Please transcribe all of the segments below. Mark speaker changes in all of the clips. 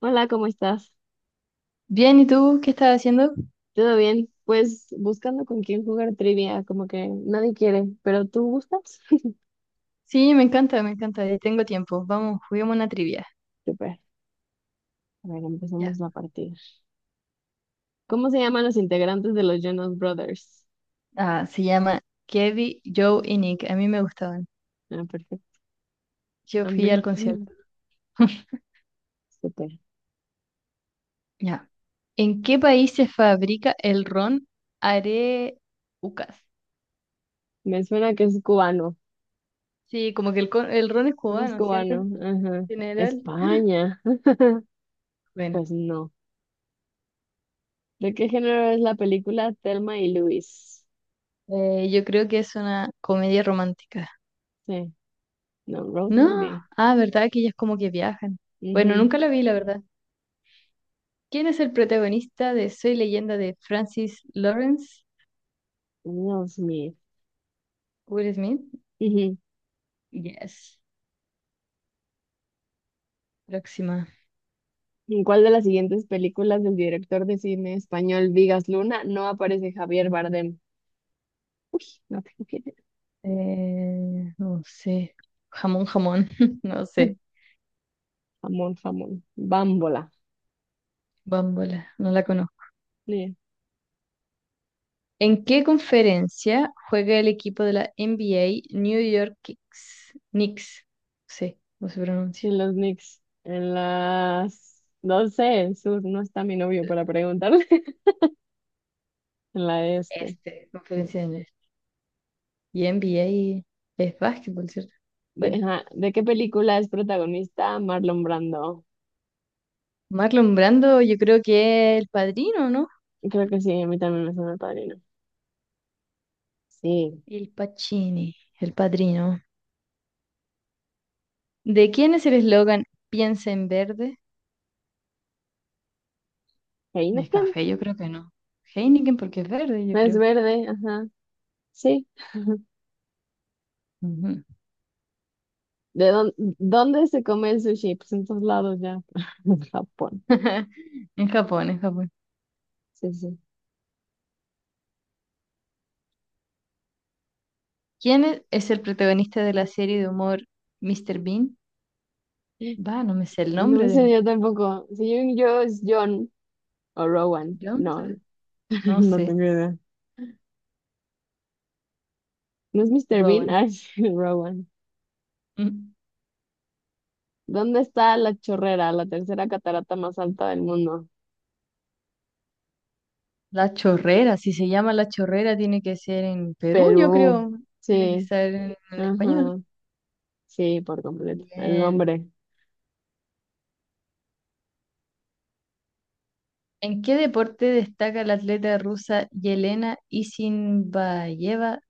Speaker 1: Hola, ¿cómo estás?
Speaker 2: Bien, ¿y tú qué estás haciendo?
Speaker 1: ¿Todo bien? Pues buscando con quién jugar trivia, como que nadie quiere, pero tú gustas.
Speaker 2: Sí, me encanta, y tengo tiempo. Vamos, juguemos una trivia.
Speaker 1: Super. A ver, empecemos
Speaker 2: Ya.
Speaker 1: la partida. ¿Cómo se llaman los integrantes de los Jonas Brothers?
Speaker 2: Ah, se llama Kevin, Joe y Nick. A mí me gustaban.
Speaker 1: Ah, perfecto.
Speaker 2: Yo fui al
Speaker 1: También.
Speaker 2: concierto.
Speaker 1: Super.
Speaker 2: Ya. ¿En qué país se fabrica el ron Areucas?
Speaker 1: Me suena que es cubano.
Speaker 2: Sí, como que el ron es
Speaker 1: No es
Speaker 2: cubano, ¿cierto?
Speaker 1: cubano.
Speaker 2: En
Speaker 1: Ajá.
Speaker 2: general.
Speaker 1: España.
Speaker 2: Bueno,
Speaker 1: Pues no. ¿De qué género es la película Thelma y Luis?
Speaker 2: yo creo que es una comedia romántica.
Speaker 1: Sí. No, Rose
Speaker 2: No,
Speaker 1: Movie.
Speaker 2: ah, ¿verdad? Que ellas como que viajan. Bueno,
Speaker 1: Ujú.
Speaker 2: nunca la vi, la verdad. ¿Quién es el protagonista de Soy Leyenda de Francis Lawrence?
Speaker 1: Will Smith.
Speaker 2: Will Smith.
Speaker 1: Ujú.
Speaker 2: Yes. Próxima.
Speaker 1: ¿En cuál de las siguientes películas del director de cine español Vigas Luna no aparece Javier Bardem? No tengo quién es.
Speaker 2: No sé. Jamón, jamón. No sé.
Speaker 1: Jamón, jamón. Bámbola.
Speaker 2: Bambola. No la conozco.
Speaker 1: Ni,
Speaker 2: ¿En qué conferencia juega el equipo de la NBA New York Knicks? Knicks. Sí, no sé cómo se pronuncia.
Speaker 1: ni los Knicks. No sé, en sur no está mi novio para preguntarle. En la este.
Speaker 2: Este, conferencia de inglés. Y NBA es básquetbol, ¿cierto? Bueno.
Speaker 1: Ajá, ¿de qué película es protagonista Marlon Brando?
Speaker 2: Marlon Brando, yo creo que es el padrino, ¿no?
Speaker 1: Creo que sí, a mí también me suena el padrino. Sí.
Speaker 2: Il Pacini, el padrino. ¿De quién es el eslogan Piensa en verde?
Speaker 1: Heineken.
Speaker 2: Café, yo creo que no. Heineken porque es verde, yo
Speaker 1: No es
Speaker 2: creo.
Speaker 1: verde, ajá. Sí.
Speaker 2: Ujú.
Speaker 1: ¿De dónde se come el sushi? Pues en todos lados ya. En Japón.
Speaker 2: En Japón, en Japón.
Speaker 1: Sí, sí.
Speaker 2: ¿Quién es el protagonista de la serie de humor Mr. Bean? Va, no me sé el
Speaker 1: No me
Speaker 2: nombre
Speaker 1: sé
Speaker 2: del...
Speaker 1: yo tampoco. Según yo es John o Rowan.
Speaker 2: ¿John,
Speaker 1: No,
Speaker 2: será? No
Speaker 1: no
Speaker 2: sé,
Speaker 1: tengo idea. ¿No es Mr. Bean?
Speaker 2: Rowan.
Speaker 1: Ah, es Rowan.
Speaker 2: Mm.
Speaker 1: ¿Dónde está la chorrera, la tercera catarata más alta del mundo?
Speaker 2: La Chorrera, si se llama La Chorrera, tiene que ser en Perú, yo
Speaker 1: Perú.
Speaker 2: creo. Tiene que
Speaker 1: Sí,
Speaker 2: ser en español.
Speaker 1: ajá. Sí, por completo. El
Speaker 2: Bien.
Speaker 1: nombre.
Speaker 2: ¿En qué deporte destaca la atleta rusa Yelena Isinbayeva?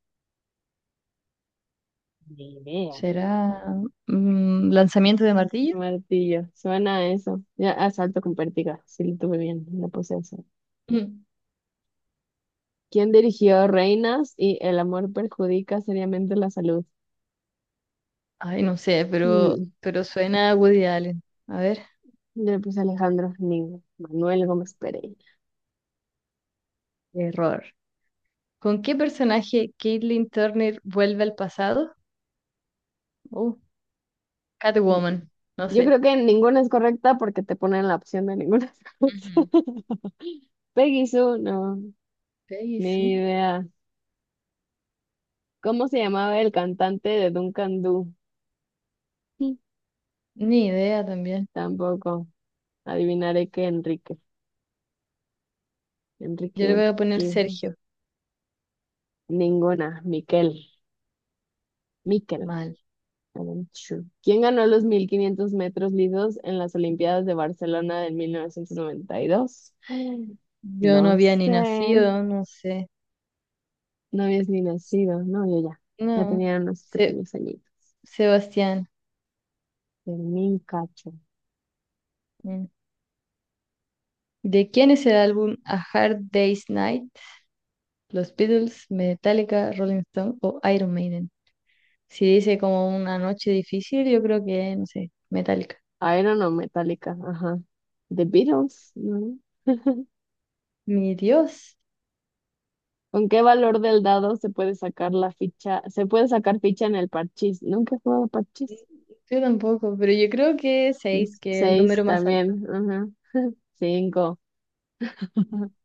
Speaker 1: Ni idea.
Speaker 2: ¿Será lanzamiento de martillo?
Speaker 1: Martillo. Suena a eso. Ya, asalto con pértiga. Sí, lo tuve bien. La puse eso.
Speaker 2: Mm.
Speaker 1: ¿Quién dirigió Reinas y El amor perjudica seriamente la salud?
Speaker 2: Ay, no sé,
Speaker 1: Mm.
Speaker 2: pero suena a Woody Allen. A ver,
Speaker 1: Yo le puse Alejandro Manuel Gómez Pereira.
Speaker 2: error. ¿Con qué personaje Caitlin Turner vuelve al pasado? Uh, Catwoman, no
Speaker 1: Yo
Speaker 2: sé.
Speaker 1: creo que ninguna es correcta porque te ponen la opción de ninguna es correcta.
Speaker 2: Ujú.
Speaker 1: Peggy Sue, no,
Speaker 2: ¿Qué
Speaker 1: ni
Speaker 2: hizo?
Speaker 1: idea. ¿Cómo se llamaba el cantante de Duncan Du? Mm,
Speaker 2: Ni idea también.
Speaker 1: Tampoco. Adivinaré que Enrique.
Speaker 2: Yo
Speaker 1: Enrique
Speaker 2: le voy a poner
Speaker 1: Urquijo.
Speaker 2: Sergio.
Speaker 1: Ninguna. Miquel. Miquel.
Speaker 2: Mal.
Speaker 1: Aranchu. ¿Quién ganó los 1.500 metros lisos en las Olimpiadas de Barcelona de 1992?
Speaker 2: Yo no
Speaker 1: No
Speaker 2: había ni
Speaker 1: sé.
Speaker 2: nacido, no sé.
Speaker 1: No habías ni nacido, no, yo ya. Ya
Speaker 2: No.
Speaker 1: tenía unos
Speaker 2: Se-
Speaker 1: pequeños añitos.
Speaker 2: Sebastián.
Speaker 1: Fermín Cacho.
Speaker 2: Mm. ¿De quién es el álbum A Hard Day's Night? ¿Los Beatles, Metallica, Rolling Stone o Iron Maiden? Si dice como una noche difícil, yo creo que, no sé, Metallica.
Speaker 1: Iron o Metallica, ajá. The Beatles, ¿no?
Speaker 2: Mi Dios,
Speaker 1: ¿Con qué valor del dado se puede sacar la ficha? Se puede sacar ficha en el parchís. Nunca he jugado parchís.
Speaker 2: yo tampoco, pero yo creo que seis, que es el
Speaker 1: Seis
Speaker 2: número más alto.
Speaker 1: también, ajá. Cinco.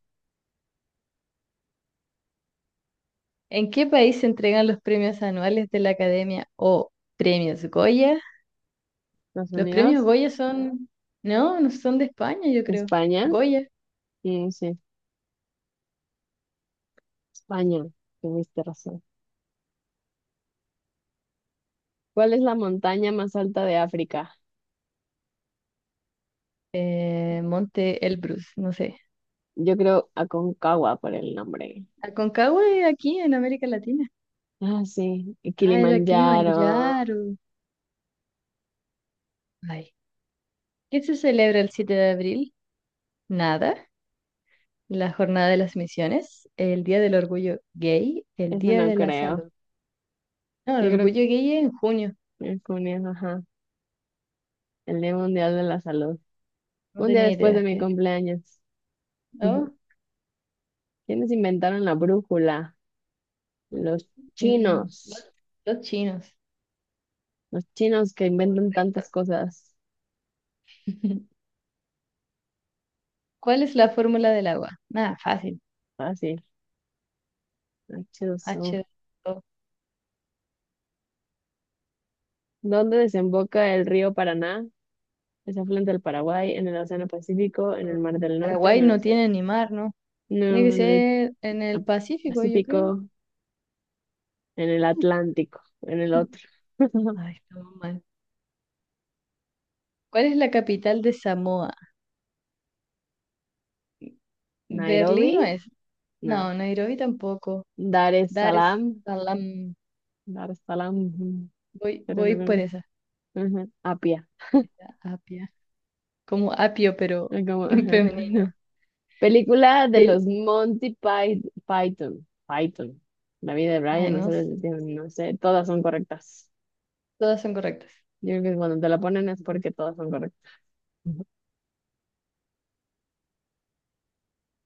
Speaker 2: ¿En qué país se entregan los premios anuales de la Academia o premios Goya?
Speaker 1: Estados
Speaker 2: Los premios
Speaker 1: Unidos,
Speaker 2: Goya son, no, no son de España, yo creo.
Speaker 1: España,
Speaker 2: Goya,
Speaker 1: sí, sí, España, tuviste razón. ¿Cuál es la montaña más alta de África?
Speaker 2: Monte Elbrus, no sé.
Speaker 1: Yo creo Aconcagua por el nombre.
Speaker 2: Aconcagua es aquí en América Latina.
Speaker 1: Ah, sí, y
Speaker 2: Ah, era
Speaker 1: Kilimanjaro,
Speaker 2: Kilimanjaro. Ay. ¿Qué se celebra el 7 de abril? Nada. La Jornada de las Misiones, el Día del Orgullo Gay, el
Speaker 1: eso
Speaker 2: Día
Speaker 1: no
Speaker 2: de la
Speaker 1: creo.
Speaker 2: Salud. No, el
Speaker 1: Yo creo
Speaker 2: Orgullo Gay es en junio.
Speaker 1: que es con ajá, el Día Mundial de la Salud.
Speaker 2: No
Speaker 1: Un día
Speaker 2: tenía
Speaker 1: después
Speaker 2: idea
Speaker 1: de mi
Speaker 2: que...
Speaker 1: cumpleaños. Ujú.
Speaker 2: ¿No?
Speaker 1: ¿Quiénes inventaron la brújula? Los
Speaker 2: Mm,
Speaker 1: chinos.
Speaker 2: los chinos.
Speaker 1: Los chinos que inventan tantas
Speaker 2: Correcto.
Speaker 1: cosas.
Speaker 2: ¿Cuál es la fórmula del agua? Nada, fácil.
Speaker 1: Fácil, machoso.
Speaker 2: H dos o.
Speaker 1: ¿Dónde desemboca el río Paraná? Es afluente del Paraguay, en el Océano Pacífico, en
Speaker 2: Mm.
Speaker 1: el Mar del Norte, en
Speaker 2: Paraguay
Speaker 1: el
Speaker 2: no
Speaker 1: Océano-
Speaker 2: tiene ni mar, ¿no? Tiene que
Speaker 1: No, en el
Speaker 2: ser en el Pacífico, yo creo.
Speaker 1: Pacífico, en el Atlántico, en el otro.
Speaker 2: Ay, estamos mal. ¿Cuál es la capital de Samoa? Berlín no
Speaker 1: Nairobi.
Speaker 2: es.
Speaker 1: No.
Speaker 2: No, Nairobi tampoco.
Speaker 1: Dar es
Speaker 2: Dar es
Speaker 1: salam.
Speaker 2: Salaam.
Speaker 1: Dar es salam. Ujú,
Speaker 2: Voy, voy por
Speaker 1: tarararán,
Speaker 2: esa.
Speaker 1: ajá, Apia.
Speaker 2: Apia. Como apio, pero
Speaker 1: Es como, ajá.
Speaker 2: femenino.
Speaker 1: Película de
Speaker 2: Fel-
Speaker 1: los Monty Python. Python. La vida de
Speaker 2: Ay,
Speaker 1: Brian, no sé,
Speaker 2: no sé.
Speaker 1: no sé, todas son correctas.
Speaker 2: Todas son correctas.
Speaker 1: Yo creo que cuando te la ponen es porque todas son correctas. Ujú.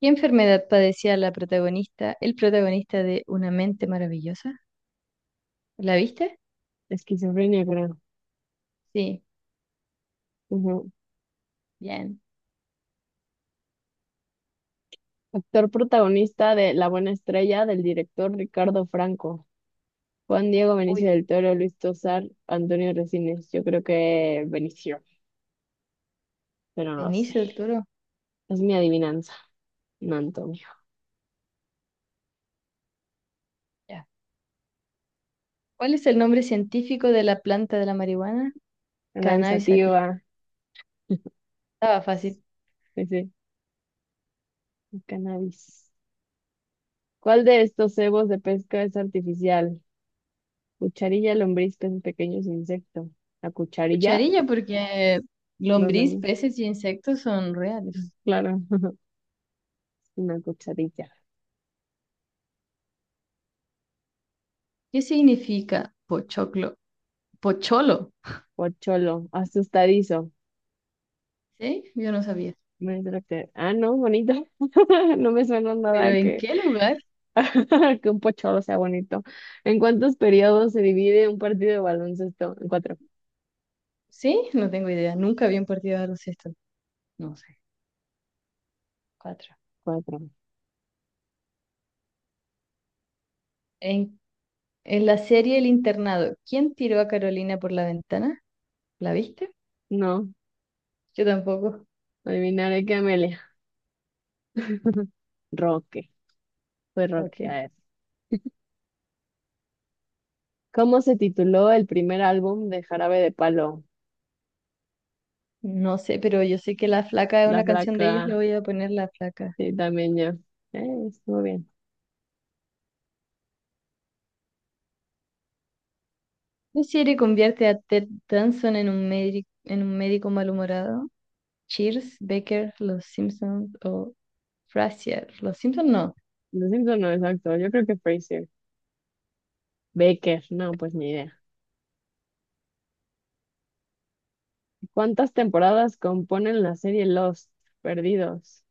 Speaker 2: ¿Qué enfermedad padecía el protagonista de Una mente maravillosa? ¿La viste?
Speaker 1: Esquizofrenia, creo.
Speaker 2: Sí,
Speaker 1: Ujú.
Speaker 2: bien.
Speaker 1: Actor protagonista de La Buena Estrella del director Ricardo Franco. Juan Diego Benicio
Speaker 2: Uy,
Speaker 1: del Toro, Luis Tosar, Antonio Resines. Yo creo que Benicio, pero no lo sé.
Speaker 2: Benicio del Toro.
Speaker 1: Es mi adivinanza. No, Antonio.
Speaker 2: Ya. ¿Cuál es el nombre científico de la planta de la marihuana? Cannabis sativa.
Speaker 1: Cannabisativa,
Speaker 2: Estaba fácil.
Speaker 1: Sí, sí, el cannabis. ¿Cuál de estos cebos de pesca es artificial? Cucharilla, lombriz, peces pequeños, insecto. La cucharilla,
Speaker 2: Cucharilla porque
Speaker 1: no sé.
Speaker 2: lombriz, peces y insectos son reales.
Speaker 1: Claro, una cucharilla.
Speaker 2: ¿Qué significa pochoclo? Pocholo,
Speaker 1: Pocholo, asustadizo.
Speaker 2: ¿sí? Yo no sabía.
Speaker 1: Me entra ah, no, bonito. No me suena
Speaker 2: ¿Pero
Speaker 1: nada
Speaker 2: en
Speaker 1: que,
Speaker 2: qué lugar?
Speaker 1: que un pocholo sea bonito. ¿En cuántos periodos se divide un partido de baloncesto? En cuatro.
Speaker 2: Sí, no tengo idea. Nunca vi un partido de baloncesto. No sé. Cuatro.
Speaker 1: Cuatro.
Speaker 2: En, en la serie El Internado, ¿quién tiró a Carolina por la ventana? ¿La viste?
Speaker 1: No,
Speaker 2: Yo tampoco.
Speaker 1: adivinaré que Amelia. Roque. Fue
Speaker 2: Ok.
Speaker 1: rockear. ¿Cómo se tituló el primer álbum de Jarabe de Palo?
Speaker 2: No sé, pero yo sé que La Flaca es
Speaker 1: La
Speaker 2: una canción de ellos, le
Speaker 1: Flaca,
Speaker 2: voy a poner La Flaca.
Speaker 1: sí, también yo. Estuvo bien.
Speaker 2: ¿Qué serie convierte a Ted Danson en un médico malhumorado? Cheers, Becker, Los Simpsons o Frasier. Los Simpsons no.
Speaker 1: Lo siento, no exacto. Yo creo que Fraser. Baker, no, pues ni idea. ¿Cuántas temporadas componen la serie Lost? Perdidos.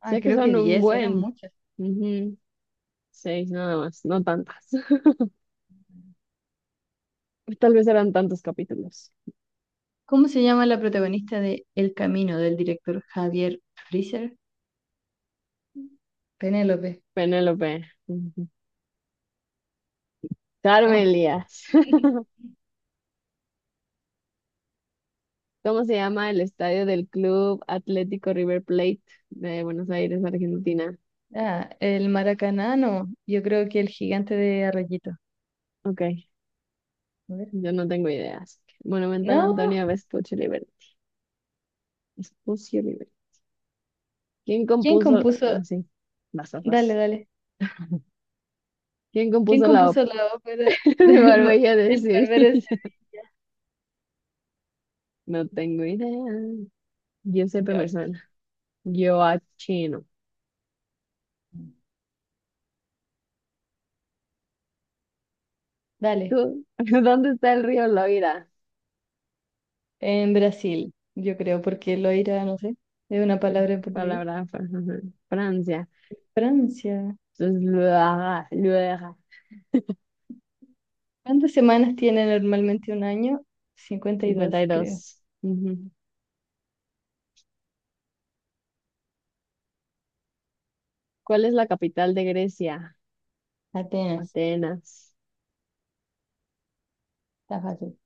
Speaker 2: Ah,
Speaker 1: Sé que
Speaker 2: creo que
Speaker 1: son un
Speaker 2: diez, eran
Speaker 1: buen.
Speaker 2: muchas.
Speaker 1: Ujú, seis nada más, no tantas. Tal vez eran tantos capítulos.
Speaker 2: ¿Cómo se llama la protagonista de El Camino del director Javier Freezer? Penélope.
Speaker 1: Penélope. Ujú. Carmen
Speaker 2: Oh.
Speaker 1: Elías. ¿Cómo se llama el estadio del Club Atlético River Plate de Buenos Aires, Argentina?
Speaker 2: Ah, el Maracaná, no. Yo creo que el gigante de Arroyito.
Speaker 1: Ok,
Speaker 2: A ver.
Speaker 1: yo no tengo ideas. Monumental
Speaker 2: No,
Speaker 1: Antonio Vespucci Liberty. Vespucci Liberty. ¿Quién
Speaker 2: ¿quién
Speaker 1: compuso?
Speaker 2: compuso?
Speaker 1: Ah, sí, vas, vas,
Speaker 2: Dale,
Speaker 1: vas.
Speaker 2: dale.
Speaker 1: ¿Quién
Speaker 2: ¿Quién
Speaker 1: compuso la ópera
Speaker 2: compuso la ópera
Speaker 1: de
Speaker 2: del
Speaker 1: Barbella de
Speaker 2: El Barbero de
Speaker 1: Sevilla?
Speaker 2: Sevilla?
Speaker 1: No tengo idea. Giuseppe me
Speaker 2: George.
Speaker 1: suena. Gioachino.
Speaker 2: Dale.
Speaker 1: ¿Tú? ¿Dónde está el río Loira?
Speaker 2: En Brasil, yo creo, porque loira, no sé, es una
Speaker 1: Es
Speaker 2: palabra en portugués.
Speaker 1: palabra, ajá, Francia.
Speaker 2: Francia.
Speaker 1: Entonces, Loira, Loira.
Speaker 2: ¿Cuántas semanas tiene normalmente un año? 52, creo.
Speaker 1: 52. ¿Cuál es la capital de Grecia?
Speaker 2: Atenas,
Speaker 1: Atenas.
Speaker 2: está fácil.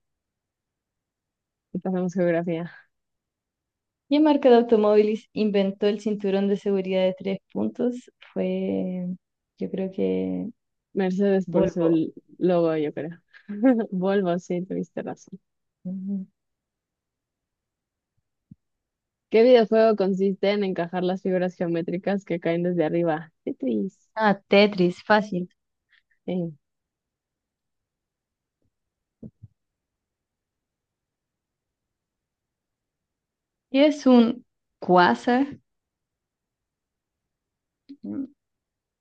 Speaker 1: Y pasamos geografía.
Speaker 2: ¿Qué marca de automóviles inventó el cinturón de seguridad de tres puntos? Fue, yo creo que
Speaker 1: Mercedes por su
Speaker 2: Volvo.
Speaker 1: logo, yo creo. Volvo, sí, tuviste razón.
Speaker 2: Ujú.
Speaker 1: ¿Qué videojuego consiste en encajar las figuras geométricas que caen desde arriba? Tetris.
Speaker 2: Ah, Tetris, fácil.
Speaker 1: Sí,
Speaker 2: ¿Qué es un quasar?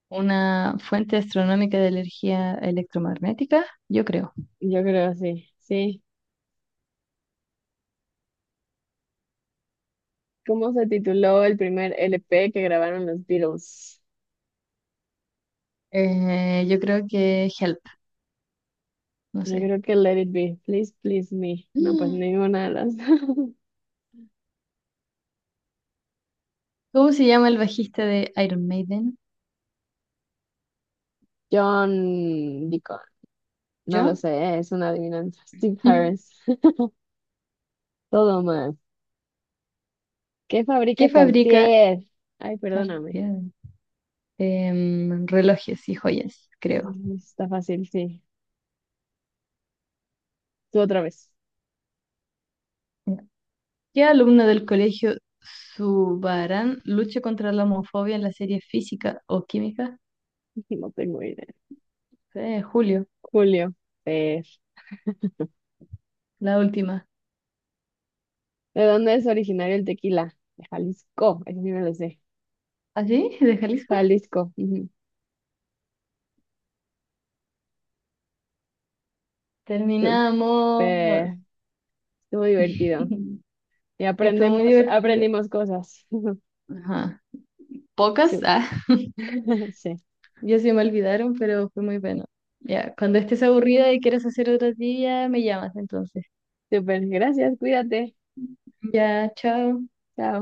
Speaker 2: Una fuente astronómica de energía electromagnética, yo creo.
Speaker 1: yo creo sí. Sí. ¿Cómo se tituló el primer LP que grabaron los Beatles?
Speaker 2: Yo creo que Help, no
Speaker 1: Yo
Speaker 2: sé.
Speaker 1: creo que Let It Be. Please, please me. No, pues
Speaker 2: Mm.
Speaker 1: ninguna de las.
Speaker 2: ¿Cómo se llama el bajista de Iron Maiden?
Speaker 1: John Deacon. No lo
Speaker 2: ¿John?
Speaker 1: sé, es una adivinanza. Steve Harris. Todo mal. ¿Qué fabrica
Speaker 2: ¿Qué fabrica
Speaker 1: Cartier? Ay, perdóname.
Speaker 2: Cartier? Relojes y joyas,
Speaker 1: Eso
Speaker 2: creo.
Speaker 1: no Está fácil, sí. Tú otra vez.
Speaker 2: Ya. ¿Qué alumno del colegio Subarán lucha contra la homofobia en la serie Física o Química?
Speaker 1: No tengo idea.
Speaker 2: Julio,
Speaker 1: Julio. eh,
Speaker 2: la última.
Speaker 1: ¿De dónde es originario el tequila? De Jalisco. Eso sí me lo sé.
Speaker 2: ¿Ah, sí? ¿De Jalisco?
Speaker 1: Jalisco. Ujú.
Speaker 2: Terminamos.
Speaker 1: Súper. Estuvo divertido. Y
Speaker 2: Estuvo muy divertido.
Speaker 1: aprendimos cosas.
Speaker 2: Ajá.
Speaker 1: Sí.
Speaker 2: ¿Pocas? Ah.
Speaker 1: Sí.
Speaker 2: Ya se me olvidaron, pero fue muy bueno. Ya, cuando estés aburrida y quieras hacer otro día, me llamas entonces.
Speaker 1: Súper. Gracias. Cuídate.
Speaker 2: Ya, chao.
Speaker 1: Chao.